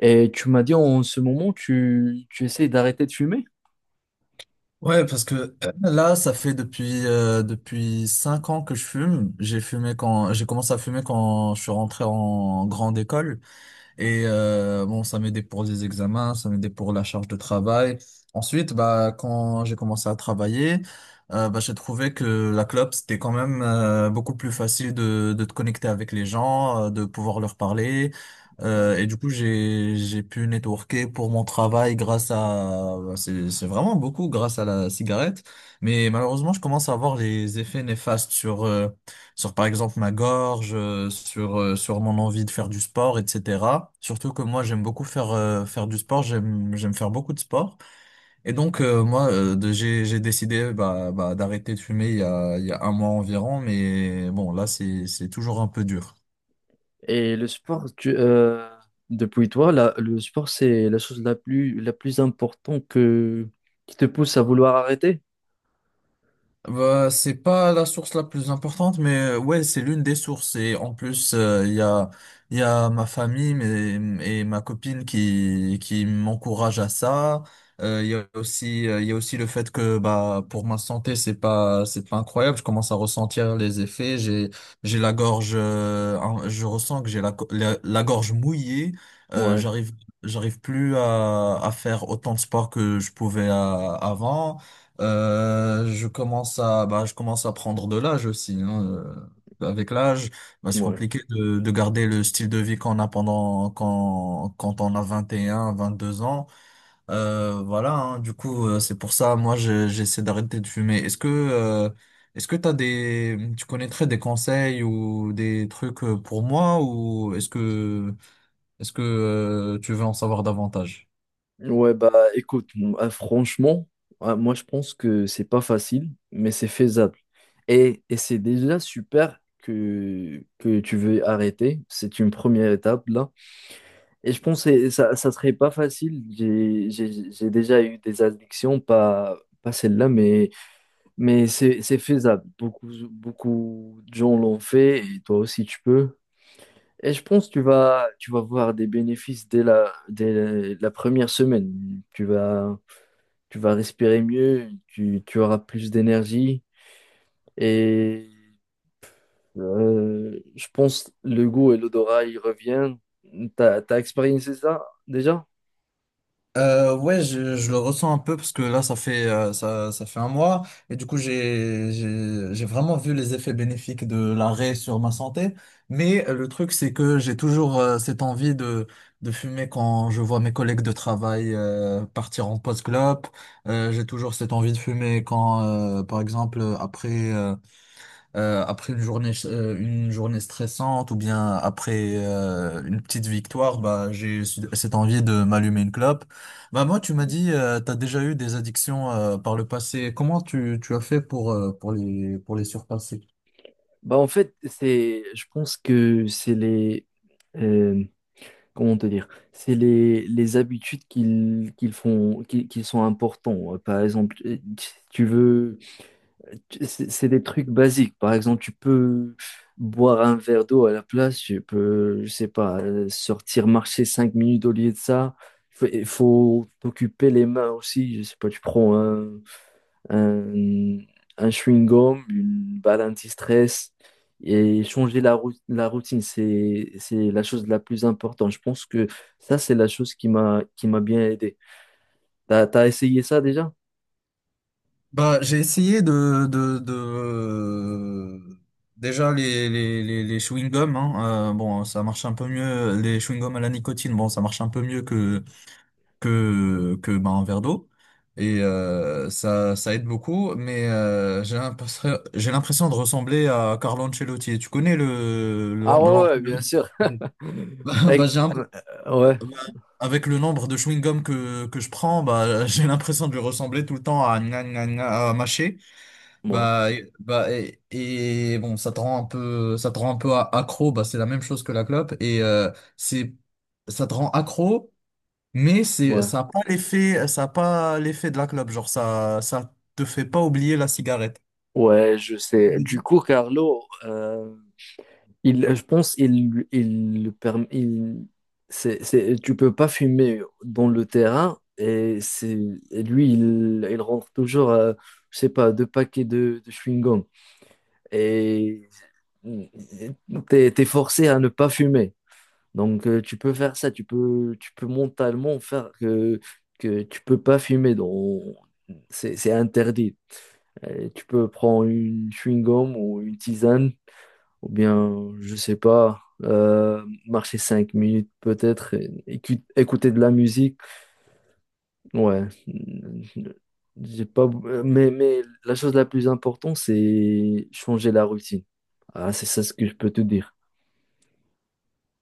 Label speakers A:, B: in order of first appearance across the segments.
A: Et tu m'as dit en ce moment, tu essayes d'arrêter de fumer.
B: Ouais, parce que là, ça fait depuis 5 ans que je fume. J'ai fumé quand j'ai commencé à fumer quand je suis rentré en grande école. Et bon, ça m'aidait pour les examens, ça m'aidait pour la charge de travail. Ensuite, bah, quand j'ai commencé à travailler, bah, j'ai trouvé que la clope, c'était quand même beaucoup plus facile de te connecter avec les gens, de pouvoir leur parler.
A: Ouais.
B: Et du coup, j'ai pu networker pour mon travail bah, c'est vraiment beaucoup grâce à la cigarette. Mais malheureusement, je commence à voir les effets néfastes sur par exemple ma gorge, sur mon envie de faire du sport, etc. Surtout que moi j'aime beaucoup faire du sport, j'aime faire beaucoup de sport. Et donc moi j'ai décidé bah, d'arrêter de fumer il y a un mois environ, mais bon là c'est toujours un peu dur.
A: Et le sport, depuis toi, le sport, c'est la chose la plus importante qui te pousse à vouloir arrêter.
B: Bah, c'est pas la source la plus importante, mais ouais, c'est l'une des sources. Et en plus, il y a ma famille mais, et ma copine qui m'encourage à ça. Il y a aussi, il y a aussi le fait que bah, pour ma santé, c'est pas incroyable. Je commence à ressentir les effets. J'ai la gorge, hein, je ressens que j'ai la gorge mouillée. Euh,
A: Ouais,
B: j'arrive, j'arrive plus à faire autant de sport que je pouvais avant. Je commence à prendre de l'âge aussi, hein. Euh, avec l'âge, bah, c'est
A: ouais.
B: compliqué de garder le style de vie qu'on a quand on a 21, 22 ans. Voilà, hein, du coup, c'est pour ça, moi, j'essaie d'arrêter de fumer. Est-ce que tu connaîtrais des conseils ou des trucs pour moi ou tu veux en savoir davantage?
A: Ouais, bah écoute, franchement, moi je pense que c'est pas facile, mais c'est faisable. Et c'est déjà super que tu veux arrêter. C'est une première étape là. Et je pense que ça serait pas facile. J'ai déjà eu des addictions, pas celle-là, mais c'est faisable. Beaucoup de gens l'ont fait et toi aussi tu peux. Et je pense que tu vas voir des bénéfices dès la première semaine. Tu vas respirer mieux, tu auras plus d'énergie et je pense le goût et l'odorat, ils reviennent. T'as expérimenté ça déjà?
B: Ouais, je le ressens un peu parce que là, ça fait un mois et du coup, j'ai vraiment vu les effets bénéfiques de l'arrêt sur ma santé. Mais le truc, c'est que j'ai toujours cette envie de fumer quand je vois mes collègues de travail partir en post-clope. J'ai toujours cette envie de fumer par exemple, après une journée stressante ou bien après une petite victoire, bah, j'ai cette envie de m'allumer une clope. Bah, moi, tu m'as dit, tu as déjà eu des addictions par le passé. Comment tu as fait pour les surpasser?
A: Bah en fait, je pense que c'est euh, comment te dire, c'est les habitudes qu'ils font, qui sont importants. Par exemple, si tu veux, c'est des trucs basiques. Par exemple, tu peux boire un verre d'eau à la place, tu peux, je sais pas, sortir marcher cinq minutes au lieu de ça. Il faut t'occuper les mains aussi. Je sais pas, tu prends un, un chewing-gum, une balle anti-stress et changer la routine, c'est la chose la plus importante. Je pense que ça, c'est la chose qui m'a bien aidé. T'as essayé ça déjà?
B: Bah, j'ai essayé de... Déjà, les chewing-gums, hein, bon, ça marche un peu mieux. Les chewing-gums à la nicotine, bon, ça marche un peu mieux que bah, un verre d'eau et ça aide beaucoup mais j'ai l'impression de ressembler à Carlo Ancelotti. Et tu connais le l'en-
A: Ah ouais, ouais,
B: l'entraîneur
A: bien
B: du-
A: sûr.
B: Oui. bah, bah,
A: Like,
B: j'ai un
A: euh,
B: bah,
A: Ouais,
B: avec le nombre de chewing-gum que je prends bah j'ai l'impression de lui ressembler tout le temps à gna, gna, gna, à mâcher
A: ouais,
B: bah et bon ça te rend un peu ça te rend un peu a- accro. Bah c'est la même chose que la clope et c'est ça te rend accro, mais
A: ouais.
B: ça n'a pas l'effet, ça a pas l'effet de la clope. Genre, ça te fait pas oublier la cigarette.
A: Ouais, je sais. Du
B: Mhm.
A: coup, Carlo, Il, je pense il, le perm- il, c'est, tu peux pas fumer dans le terrain et lui, il rentre toujours, à, je sais pas, deux paquets de chewing-gum. Et t'es forcé à ne pas fumer. Donc, tu peux faire ça, tu peux mentalement faire que tu peux pas fumer. C'est interdit. Tu peux prendre une chewing-gum ou une tisane ou bien, je sais pas, marcher cinq minutes peut-être, et écouter de la musique. Ouais, j'ai pas, mais la chose la plus importante, c'est changer la routine. Ah, c'est ça ce que je peux te dire.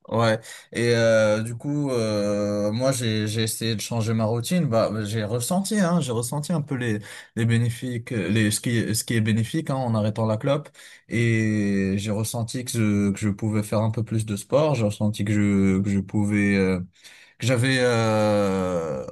B: Ouais. Du coup, moi, j'ai essayé de changer ma routine. Bah, j'ai ressenti un peu les bénéfiques, les, ce qui est bénéfique, hein, en arrêtant la clope. Et j'ai ressenti que je pouvais faire un peu plus de sport. J'ai ressenti que j'avais,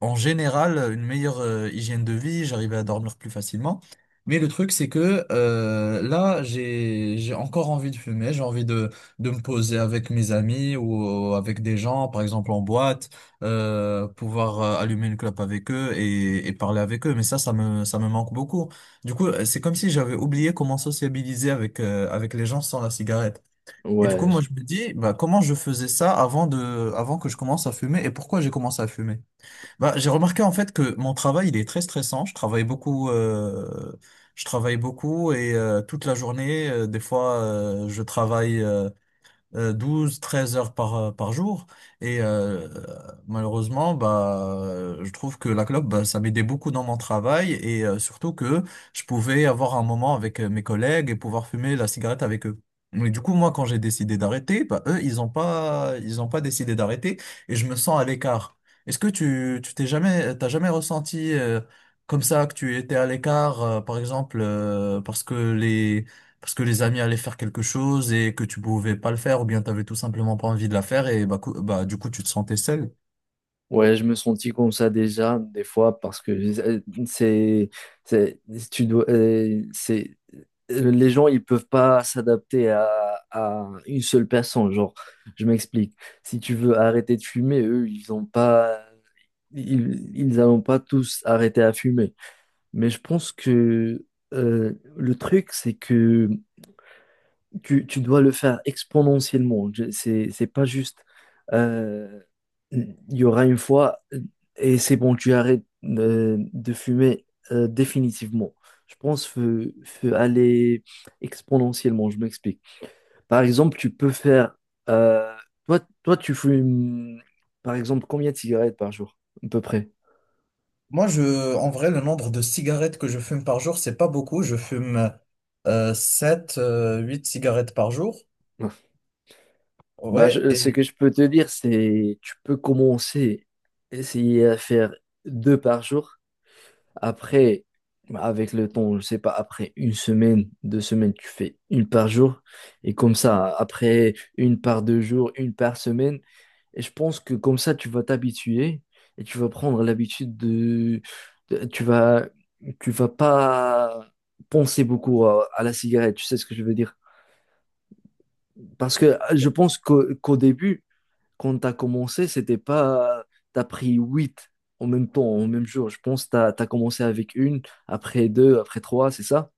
B: en général, une meilleure hygiène de vie, j'arrivais à dormir plus facilement. Mais le truc, c'est que là, j'ai encore envie de fumer, j'ai envie de me poser avec mes amis ou avec des gens, par exemple en boîte, pouvoir allumer une clope avec eux et parler avec eux. Mais ça, ça me manque beaucoup. Du coup, c'est comme si j'avais oublié comment sociabiliser avec les gens sans la cigarette. Et du coup,
A: Ouais,
B: moi,
A: je-
B: je me dis, bah, comment je faisais ça avant que je commence à fumer et pourquoi j'ai commencé à fumer? Bah, j'ai remarqué en fait que mon travail il est très stressant. Je travaille beaucoup et toute la journée, des fois je travaille, 12, 13 heures par jour. Et malheureusement, bah, je trouve que la clope, bah, ça m'aidait beaucoup dans mon travail et surtout que je pouvais avoir un moment avec mes collègues et pouvoir fumer la cigarette avec eux. Mais du coup, moi, quand j'ai décidé d'arrêter, bah, eux, ils ont pas décidé d'arrêter et je me sens à l'écart. Est-ce que tu t'es jamais, t'as jamais ressenti comme ça que tu étais à l'écart, par exemple, parce que les amis allaient faire quelque chose et que tu pouvais pas le faire ou bien t'avais tout simplement pas envie de la faire et bah, bah du coup tu te sentais seul.
A: Ouais, je me sentis comme ça déjà, des fois, parce que c'est, c'est, tu dois, c'est, les gens, ils peuvent pas s'adapter à une seule personne. Genre, je m'explique. Si tu veux arrêter de fumer, eux, ils ont pas, ils n'allont pas tous arrêter à fumer. Mais je pense que euh, le truc, c'est que tu dois le faire exponentiellement. C'est pas juste, euh, il y aura une fois et c'est bon, tu arrêtes de fumer définitivement. Je pense que faut aller exponentiellement, je m'explique. Par exemple, tu peux faire, euh, toi, tu fumes, par exemple, combien de cigarettes par jour, à peu près?
B: Moi, en vrai, le nombre de cigarettes que je fume par jour, c'est pas beaucoup. Je fume 7, 8 cigarettes par jour.
A: Bah,
B: Ouais,
A: ce que
B: et
A: je peux te dire, c'est tu peux commencer, essayer à faire deux par jour. Après, avec le temps, je sais pas, après une semaine, deux semaines, tu fais une par jour. Et comme ça, après une par deux jours, une par semaine. Et je pense que comme ça, tu vas t'habituer et tu vas prendre l'habitude de- Tu vas, tu vas pas penser beaucoup à la cigarette, tu sais ce que je veux dire. Parce que je pense qu'au début, quand tu as commencé, c'était pas. Tu as pris huit en même temps, en même jour. Je pense que commencé avec une, après deux, après trois, c'est ça?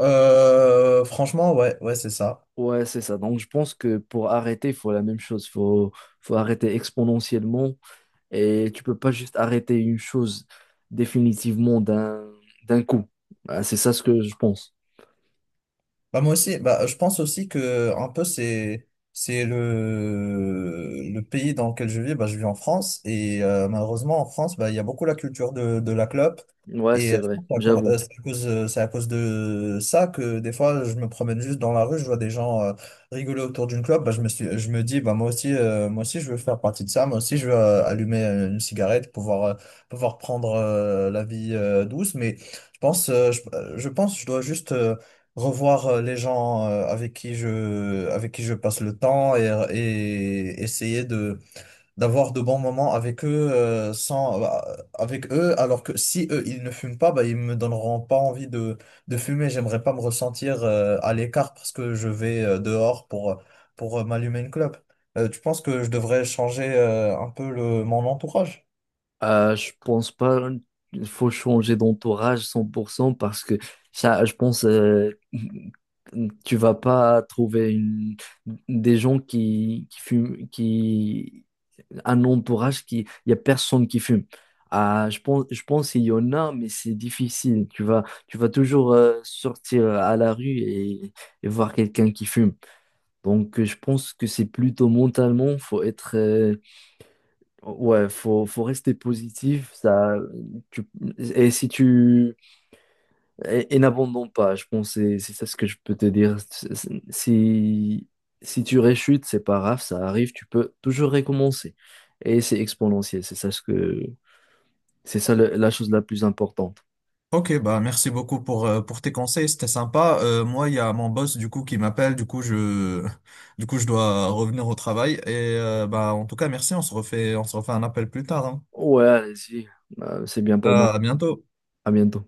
B: franchement, ouais, ouais, c'est ça.
A: Ouais, c'est ça. Donc, je pense que pour arrêter, il faut la même chose. Faut arrêter exponentiellement. Et tu peux pas juste arrêter une chose définitivement d'un coup. Ah, c'est ça ce que je pense.
B: Bah moi aussi, bah, je pense aussi que un peu c'est le pays dans lequel je vis. Bah, je vis en France et malheureusement en France, bah, il y a beaucoup la culture de la clope
A: Ouais,
B: et
A: c'est
B: je
A: vrai.
B: pense que
A: J'avoue.
B: c'est à cause de ça que des fois je me promène juste dans la rue, je vois des gens rigoler autour d'une clope. Bah, je me dis bah moi aussi je veux faire partie de ça. Moi aussi je veux allumer une cigarette, pouvoir prendre la vie douce. Mais je pense je dois juste revoir les gens avec qui je passe le temps et essayer de d'avoir de bons moments avec eux sans bah, avec eux alors que si eux ils ne fument pas bah ils me donneront pas envie de fumer. J'aimerais pas me ressentir à l'écart parce que je vais dehors pour m'allumer une clope. Tu penses que je devrais changer un peu le mon entourage?
A: Je pense pas il faut changer d'entourage 100% parce que ça, je pense tu vas pas trouver des gens qui fument, qui un entourage qui il y a personne qui fume. Ah, je pense qu'il y en a, mais c'est difficile. Tu vas toujours sortir à la rue et voir quelqu'un qui fume. Donc, je pense que c'est plutôt mentalement, faut être, Ouais, faut rester positif, ça, tu, et si tu, et n'abandonne pas, je pense, que c'est ça ce que je peux te dire. Si, si tu réchutes, c'est pas grave, ça arrive, tu peux toujours recommencer. Et c'est exponentiel, c'est ça la chose la plus importante.
B: Ok, bah merci beaucoup pour tes conseils, c'était sympa. Moi, il y a mon boss du coup qui m'appelle, du coup je du coup je dois revenir au travail. Et bah en tout cas merci, on se refait un appel plus tard, hein.
A: Ouais, allez-y, euh, c'est bien pour
B: Euh,
A: moi.
B: à bientôt.
A: À bientôt.